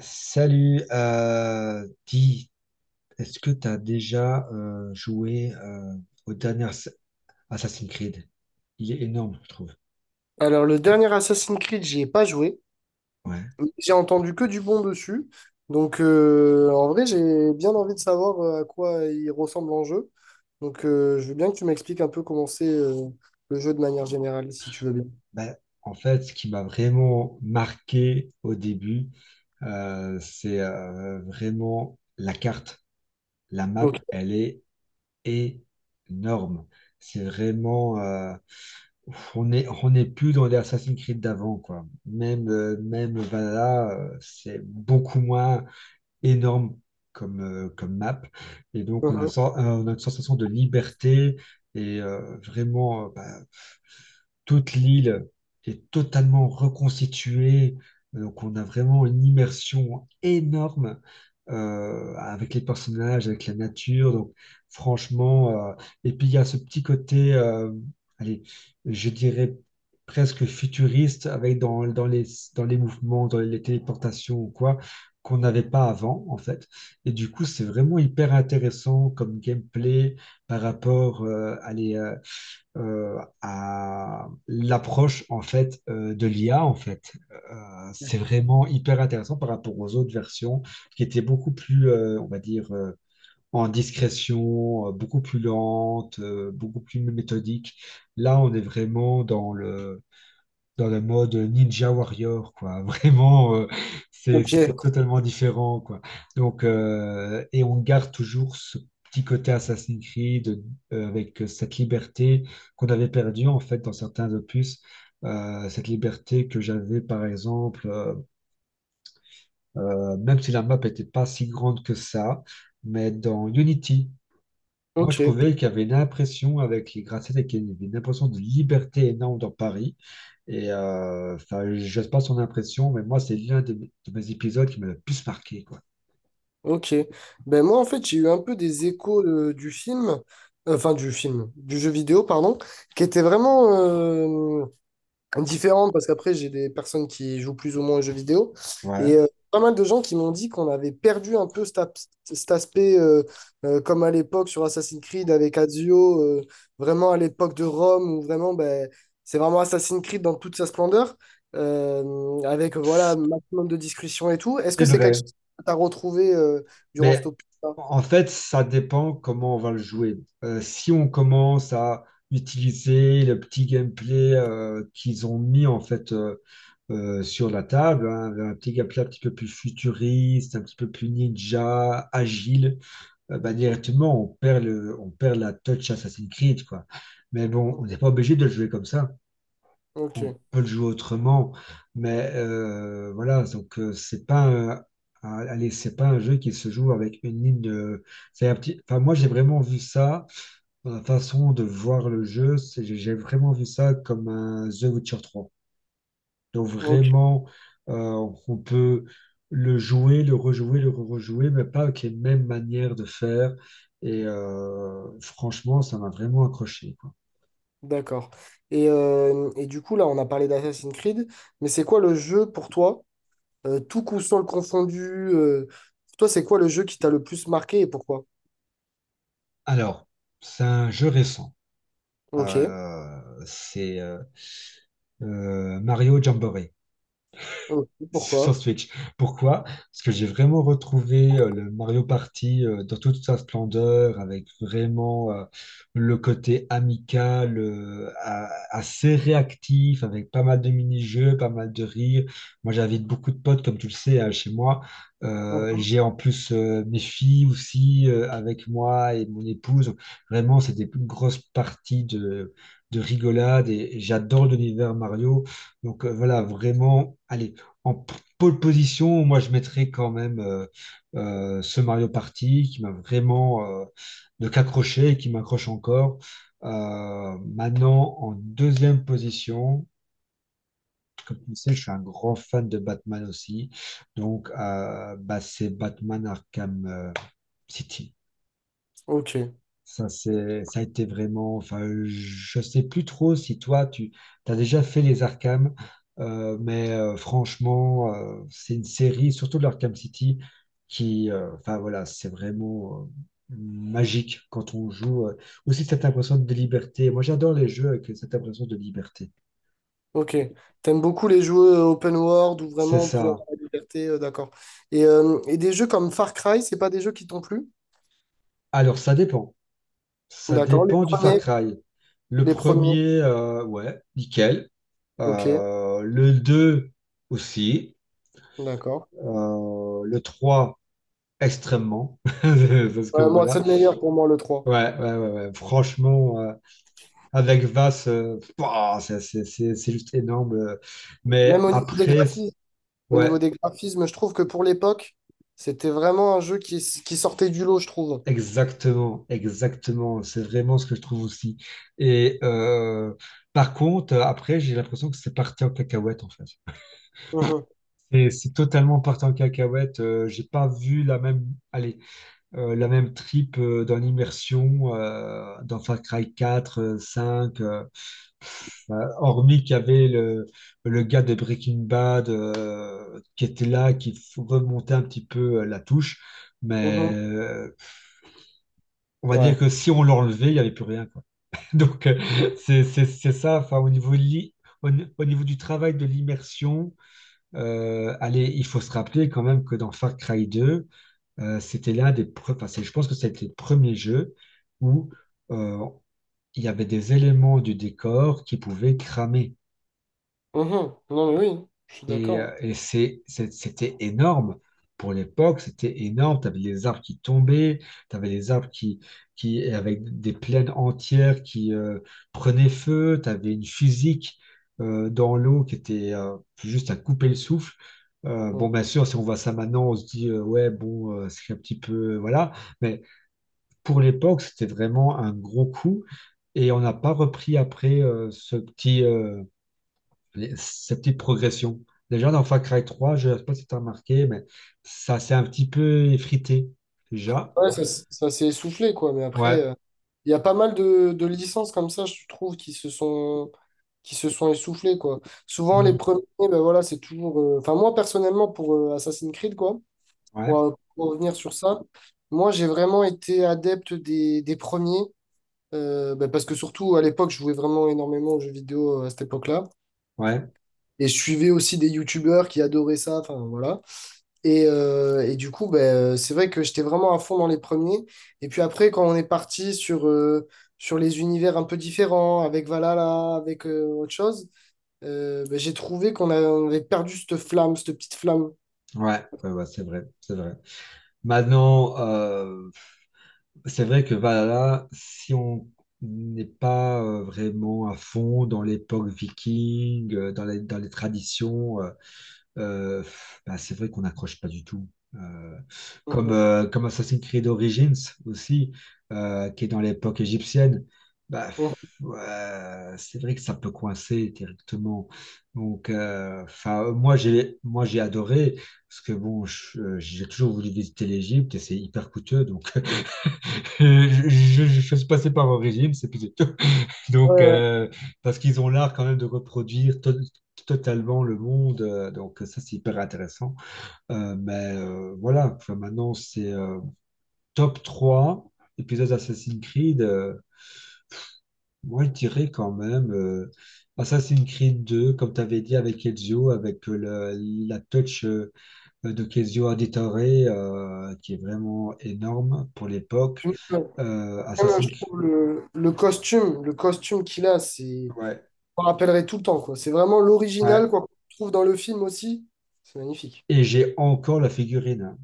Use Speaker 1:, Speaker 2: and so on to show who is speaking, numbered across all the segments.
Speaker 1: Salut, dis, est-ce que tu as déjà joué au dernier Assassin's Creed? Il est énorme, je trouve.
Speaker 2: Alors, le dernier Assassin's Creed, j'y ai pas joué,
Speaker 1: Ouais.
Speaker 2: mais j'ai entendu que du bon dessus. Donc, en vrai, j'ai bien envie de savoir à quoi il ressemble en jeu. Donc, je veux bien que tu m'expliques un peu comment c'est le jeu de manière générale, si tu veux bien.
Speaker 1: Ben, en fait, ce qui m'a vraiment marqué au début, c'est vraiment la carte. La map,
Speaker 2: Ok.
Speaker 1: elle est énorme. C'est vraiment on n'est plus dans les Assassin's Creed d'avant, quoi. Même Valhalla, c'est beaucoup moins énorme comme map. Et donc,
Speaker 2: Mhm.
Speaker 1: on a une sensation de liberté et vraiment, bah, toute l'île est totalement reconstituée. Donc, on a vraiment une immersion énorme avec les personnages, avec la nature. Donc, franchement, et puis il y a ce petit côté, allez, je dirais presque futuriste, avec dans les mouvements, dans les téléportations ou quoi, qu'on n'avait pas avant, en fait. Et du coup, c'est vraiment hyper intéressant comme gameplay par rapport, à l'approche en fait de l'IA en fait. C'est vraiment hyper intéressant par rapport aux autres versions qui étaient beaucoup plus, on va dire, en discrétion, beaucoup plus lente, beaucoup plus méthodique. Là, on est vraiment dans le mode Ninja Warrior, quoi. Vraiment, c'est
Speaker 2: Ok,
Speaker 1: c'est totalement différent, quoi. Et on garde toujours ce petit côté Assassin's Creed avec cette liberté qu'on avait perdue, en fait, dans certains opus. Cette liberté que j'avais, par exemple, même si la map n'était pas si grande que ça, mais dans Unity. Moi,
Speaker 2: ok,
Speaker 1: je trouvais qu'il y avait une impression avec les gratte-ciels, qu'il y avait une impression de liberté énorme dans Paris. Et enfin, je sais pas son impression, mais moi, c'est l'un de mes épisodes qui m'a le plus marqué, quoi.
Speaker 2: ok. Ben moi, en fait, j'ai eu un peu des échos du film, enfin du film, du jeu vidéo, pardon, qui était vraiment... différente parce qu'après, j'ai des personnes qui jouent plus ou moins aux jeux vidéo.
Speaker 1: Ouais,
Speaker 2: Et pas mal de gens qui m'ont dit qu'on avait perdu un peu cet aspect, comme à l'époque sur Assassin's Creed avec Ezio, vraiment à l'époque de Rome, où vraiment, ben, c'est vraiment Assassin's Creed dans toute sa splendeur, avec voilà, un maximum de discussions et tout. Est-ce que
Speaker 1: c'est
Speaker 2: c'est quelque
Speaker 1: vrai.
Speaker 2: chose que tu as retrouvé durant ce
Speaker 1: Mais
Speaker 2: opus-là?
Speaker 1: en fait, ça dépend comment on va le jouer. Si on commence à utiliser le petit gameplay qu'ils ont mis en fait sur la table, hein, un petit gameplay un petit peu plus futuriste, un petit peu plus ninja, agile. Bah, directement, on perd la touch Assassin's Creed, quoi. Mais bon, on n'est pas obligé de le jouer comme ça.
Speaker 2: Ok,
Speaker 1: On peut le jouer autrement. Mais voilà, donc c'est pas un, un- allez, c'est pas un jeu qui se joue avec une ligne de. C'est un petit. Enfin, moi, j'ai vraiment vu ça dans la façon de voir le jeu. J'ai vraiment vu ça comme un The Witcher 3. Donc
Speaker 2: ok,
Speaker 1: vraiment, euh, on peut le jouer, le rejouer, mais pas avec les mêmes manières de faire. Et franchement, ça m'a vraiment accroché, quoi.
Speaker 2: d'accord. Et du coup, là, on a parlé d'Assassin's Creed, mais c'est quoi le jeu pour toi? Tout console confondu. Toi, c'est quoi le jeu qui t'a le plus marqué et pourquoi?
Speaker 1: Alors, c'est un jeu récent.
Speaker 2: Ok.
Speaker 1: Euh, c'est Mario Jamboree.
Speaker 2: Ok,
Speaker 1: Sur
Speaker 2: pourquoi?
Speaker 1: Switch. Pourquoi? Parce que j'ai vraiment retrouvé le Mario Party dans toute sa splendeur, avec vraiment le côté amical, assez réactif, avec pas mal de mini-jeux, pas mal de rires. Moi, j'invite beaucoup de potes, comme tu le sais, hein, chez moi.
Speaker 2: Mhm.
Speaker 1: J'ai en plus mes filles aussi avec moi et mon épouse. Vraiment, c'est des grosses parties de rigolade et j'adore l'univers Mario. Voilà, vraiment, allez. En pole position, moi je mettrais quand même ce Mario Party qui m'a vraiment de qu'accroché et qui m'accroche encore. Maintenant, en deuxième position, comme tu le sais, je suis un grand fan de Batman aussi. Donc, bah, c'est Batman Arkham City.
Speaker 2: Ok.
Speaker 1: Ça, ça a été vraiment. Enfin, je sais plus trop si toi, tu as déjà fait les Arkham, mais franchement, c'est une série, surtout de l'Arkham City, qui, enfin voilà, c'est vraiment magique quand on joue. Aussi cette impression de liberté. Moi, j'adore les jeux avec cette impression de liberté.
Speaker 2: Ok. T'aimes beaucoup les jeux open world où
Speaker 1: C'est
Speaker 2: vraiment on peut
Speaker 1: ça.
Speaker 2: avoir la liberté, d'accord. Et des jeux comme Far Cry, c'est pas des jeux qui t'ont plu?
Speaker 1: Alors, ça dépend. Ça
Speaker 2: D'accord. Les
Speaker 1: dépend du Far
Speaker 2: premiers.
Speaker 1: Cry. Le
Speaker 2: Les premiers.
Speaker 1: premier, ouais, nickel.
Speaker 2: Ok.
Speaker 1: Le 2 aussi.
Speaker 2: D'accord.
Speaker 1: Le 3 extrêmement. Parce que
Speaker 2: Moi, c'est
Speaker 1: voilà.
Speaker 2: le meilleur pour moi, le 3.
Speaker 1: Ouais, ouais, ouais, ouais. Franchement, avec Vas, pouah, c'est juste énorme. Mais
Speaker 2: Même au niveau des
Speaker 1: après,
Speaker 2: graphismes. Au niveau
Speaker 1: ouais,
Speaker 2: des graphismes, je trouve que pour l'époque, c'était vraiment un jeu qui sortait du lot, je trouve.
Speaker 1: exactement, exactement. C'est vraiment ce que je trouve aussi. Et par contre, après, j'ai l'impression que c'est parti en cacahuète, en fait.
Speaker 2: Mhm.
Speaker 1: C'est totalement parti en cacahuète. J'ai pas vu la même. Allez. La même trip dans l'immersion dans Far Cry 4, 5, enfin, hormis qu'il y avait le gars de Breaking Bad qui était là, remontait un petit peu la touche. Mais
Speaker 2: Mhm.
Speaker 1: on va dire
Speaker 2: Ouais.
Speaker 1: que si on l'enlevait, il n'y avait plus rien, quoi. Donc euh, c'est ça, enfin, au niveau, li- au, ni- au niveau du travail de l'immersion, allez, il faut se rappeler quand même que dans Far Cry 2, c'était enfin, je pense que c'était le premier jeu où euh, il y avait des éléments du décor qui pouvaient cramer.
Speaker 2: Mhm. Non, mais oui, je suis
Speaker 1: Et,
Speaker 2: d'accord.
Speaker 1: euh, et c'était énorme. Pour l'époque, c'était énorme. Tu avais les arbres qui tombaient, tu avais les arbres et avec des plaines entières qui prenaient feu, tu avais une physique dans l'eau qui était juste à couper le souffle.
Speaker 2: Ouais,
Speaker 1: Bon, bien sûr, si on voit ça maintenant, on se dit, ouais, bon, c'est un petit peu, voilà. Mais pour l'époque, c'était vraiment un gros coup. Et on n'a pas repris après ce petit, cette petite progression. Déjà, dans Far Cry 3, je ne sais pas si tu as remarqué, mais ça s'est un petit peu effrité déjà.
Speaker 2: ouais, ça, ça s'est essoufflé, quoi. Mais après,
Speaker 1: Ouais.
Speaker 2: il y a pas mal de licences comme ça, je trouve, qui se sont essoufflées, quoi. Souvent, les
Speaker 1: Hmm.
Speaker 2: premiers, ben voilà, c'est toujours. Enfin, moi, personnellement, pour Assassin's Creed, quoi,
Speaker 1: Ouais,
Speaker 2: pour revenir sur ça, moi, j'ai vraiment été adepte des premiers, ben, parce que surtout, à l'époque, je jouais vraiment énormément aux jeux vidéo à cette époque-là.
Speaker 1: ouais,
Speaker 2: Et je suivais aussi des youtubeurs qui adoraient ça, enfin, voilà. Et du coup, ben, c'est vrai que j'étais vraiment à fond dans les premiers. Et puis après, quand on est parti sur, sur les univers un peu différents, avec Valhalla, avec autre chose, ben, j'ai trouvé on avait perdu cette flamme, cette petite flamme.
Speaker 1: ouais, ouais, ouais, c'est vrai, c'est vrai. Maintenant, c'est vrai que Valhalla, si on n'est pas vraiment à fond dans l'époque viking, dans les traditions. Euh, Euh, bah, c'est vrai qu'on n'accroche pas du tout. Euh, comme,
Speaker 2: Mhm.
Speaker 1: euh, comme Assassin's Creed Origins aussi, qui est dans l'époque égyptienne, bah,
Speaker 2: Mhm.
Speaker 1: ouais, c'est vrai que ça peut coincer directement. Donc, enfin, moi, j'ai adoré, parce que bon, j'ai toujours voulu visiter l'Égypte et c'est hyper coûteux. Donc, je suis passé par Origins, et puis c'est plus tout.
Speaker 2: Ouais,
Speaker 1: Donc,
Speaker 2: ouais.
Speaker 1: parce qu'ils ont l'art quand même de reproduire totalement le monde. Donc, ça, c'est hyper intéressant. Mais voilà, enfin, maintenant c'est top 3 épisodes Assassin's Creed. Moi, je dirais quand même Assassin's Creed 2, comme tu avais dit avec Ezio, avec la touch de Kezio Auditore, qui est vraiment énorme pour l'époque.
Speaker 2: Puis même, même, je
Speaker 1: Assassin's Creed,
Speaker 2: trouve le costume qu'il a, c'est,
Speaker 1: ouais,
Speaker 2: on rappellerait tout le temps, quoi. C'est vraiment
Speaker 1: ouais.
Speaker 2: l'original, quoi, qu'on trouve dans le film aussi. C'est magnifique.
Speaker 1: Et j'ai encore la figurine, hein.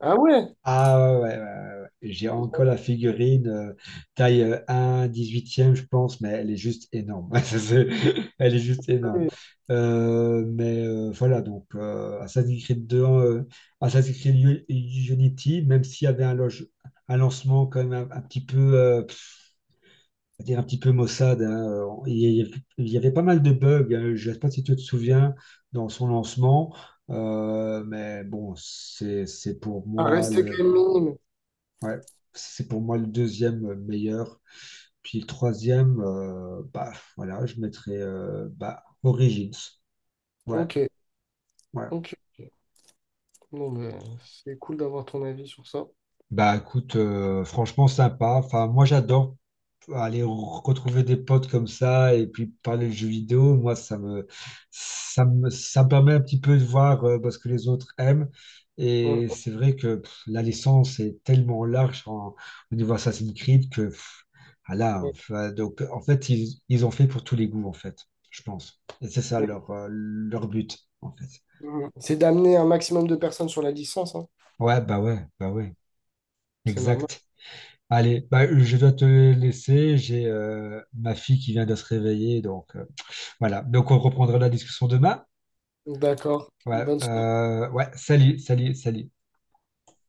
Speaker 2: Ah ouais,
Speaker 1: Ah ouais, ouais, ouais, ouais, ouais. J'ai encore la figurine taille 1, 18e, je pense, mais elle est juste énorme. Elle est juste énorme.
Speaker 2: ouais.
Speaker 1: Mais voilà, Assassin's Creed 2, Assassin's Creed Unity, même s'il y avait un lancement quand même un petit peu, à dire un petit peu maussade, hein, il y avait pas mal de bugs. Hein, je ne sais pas si tu te souviens dans son lancement, mais bon, c'est pour
Speaker 2: Ah,
Speaker 1: moi
Speaker 2: rester quand même minime.
Speaker 1: ouais, c'est pour moi le deuxième meilleur. Puis le troisième, bah voilà, je mettrais bah, Origins. Ouais,
Speaker 2: Ok,
Speaker 1: ouais.
Speaker 2: ok. Non, mais c'est cool d'avoir ton avis sur ça.
Speaker 1: Bah écoute, franchement sympa. Enfin, moi j'adore aller retrouver des potes comme ça et puis parler de jeux vidéo, moi, ça me permet un petit peu de voir bah, ce que les autres aiment. Et
Speaker 2: Mhm.
Speaker 1: c'est vrai que pff, la licence est tellement large au niveau Assassin's Creed que pff, voilà, enfin, donc, en fait, ils ont fait pour tous les goûts, en fait, je pense. Et c'est ça leur but, en fait.
Speaker 2: Mhm. C'est d'amener un maximum de personnes sur la licence, hein.
Speaker 1: Ouais, bah ouais, bah ouais,
Speaker 2: C'est normal.
Speaker 1: exact. Allez, bah, je dois te laisser. J'ai ma fille qui vient de se réveiller, donc. Voilà, donc on reprendra la discussion demain.
Speaker 2: D'accord.
Speaker 1: Ouais,
Speaker 2: Bonne
Speaker 1: ouais, salut, salut, salut.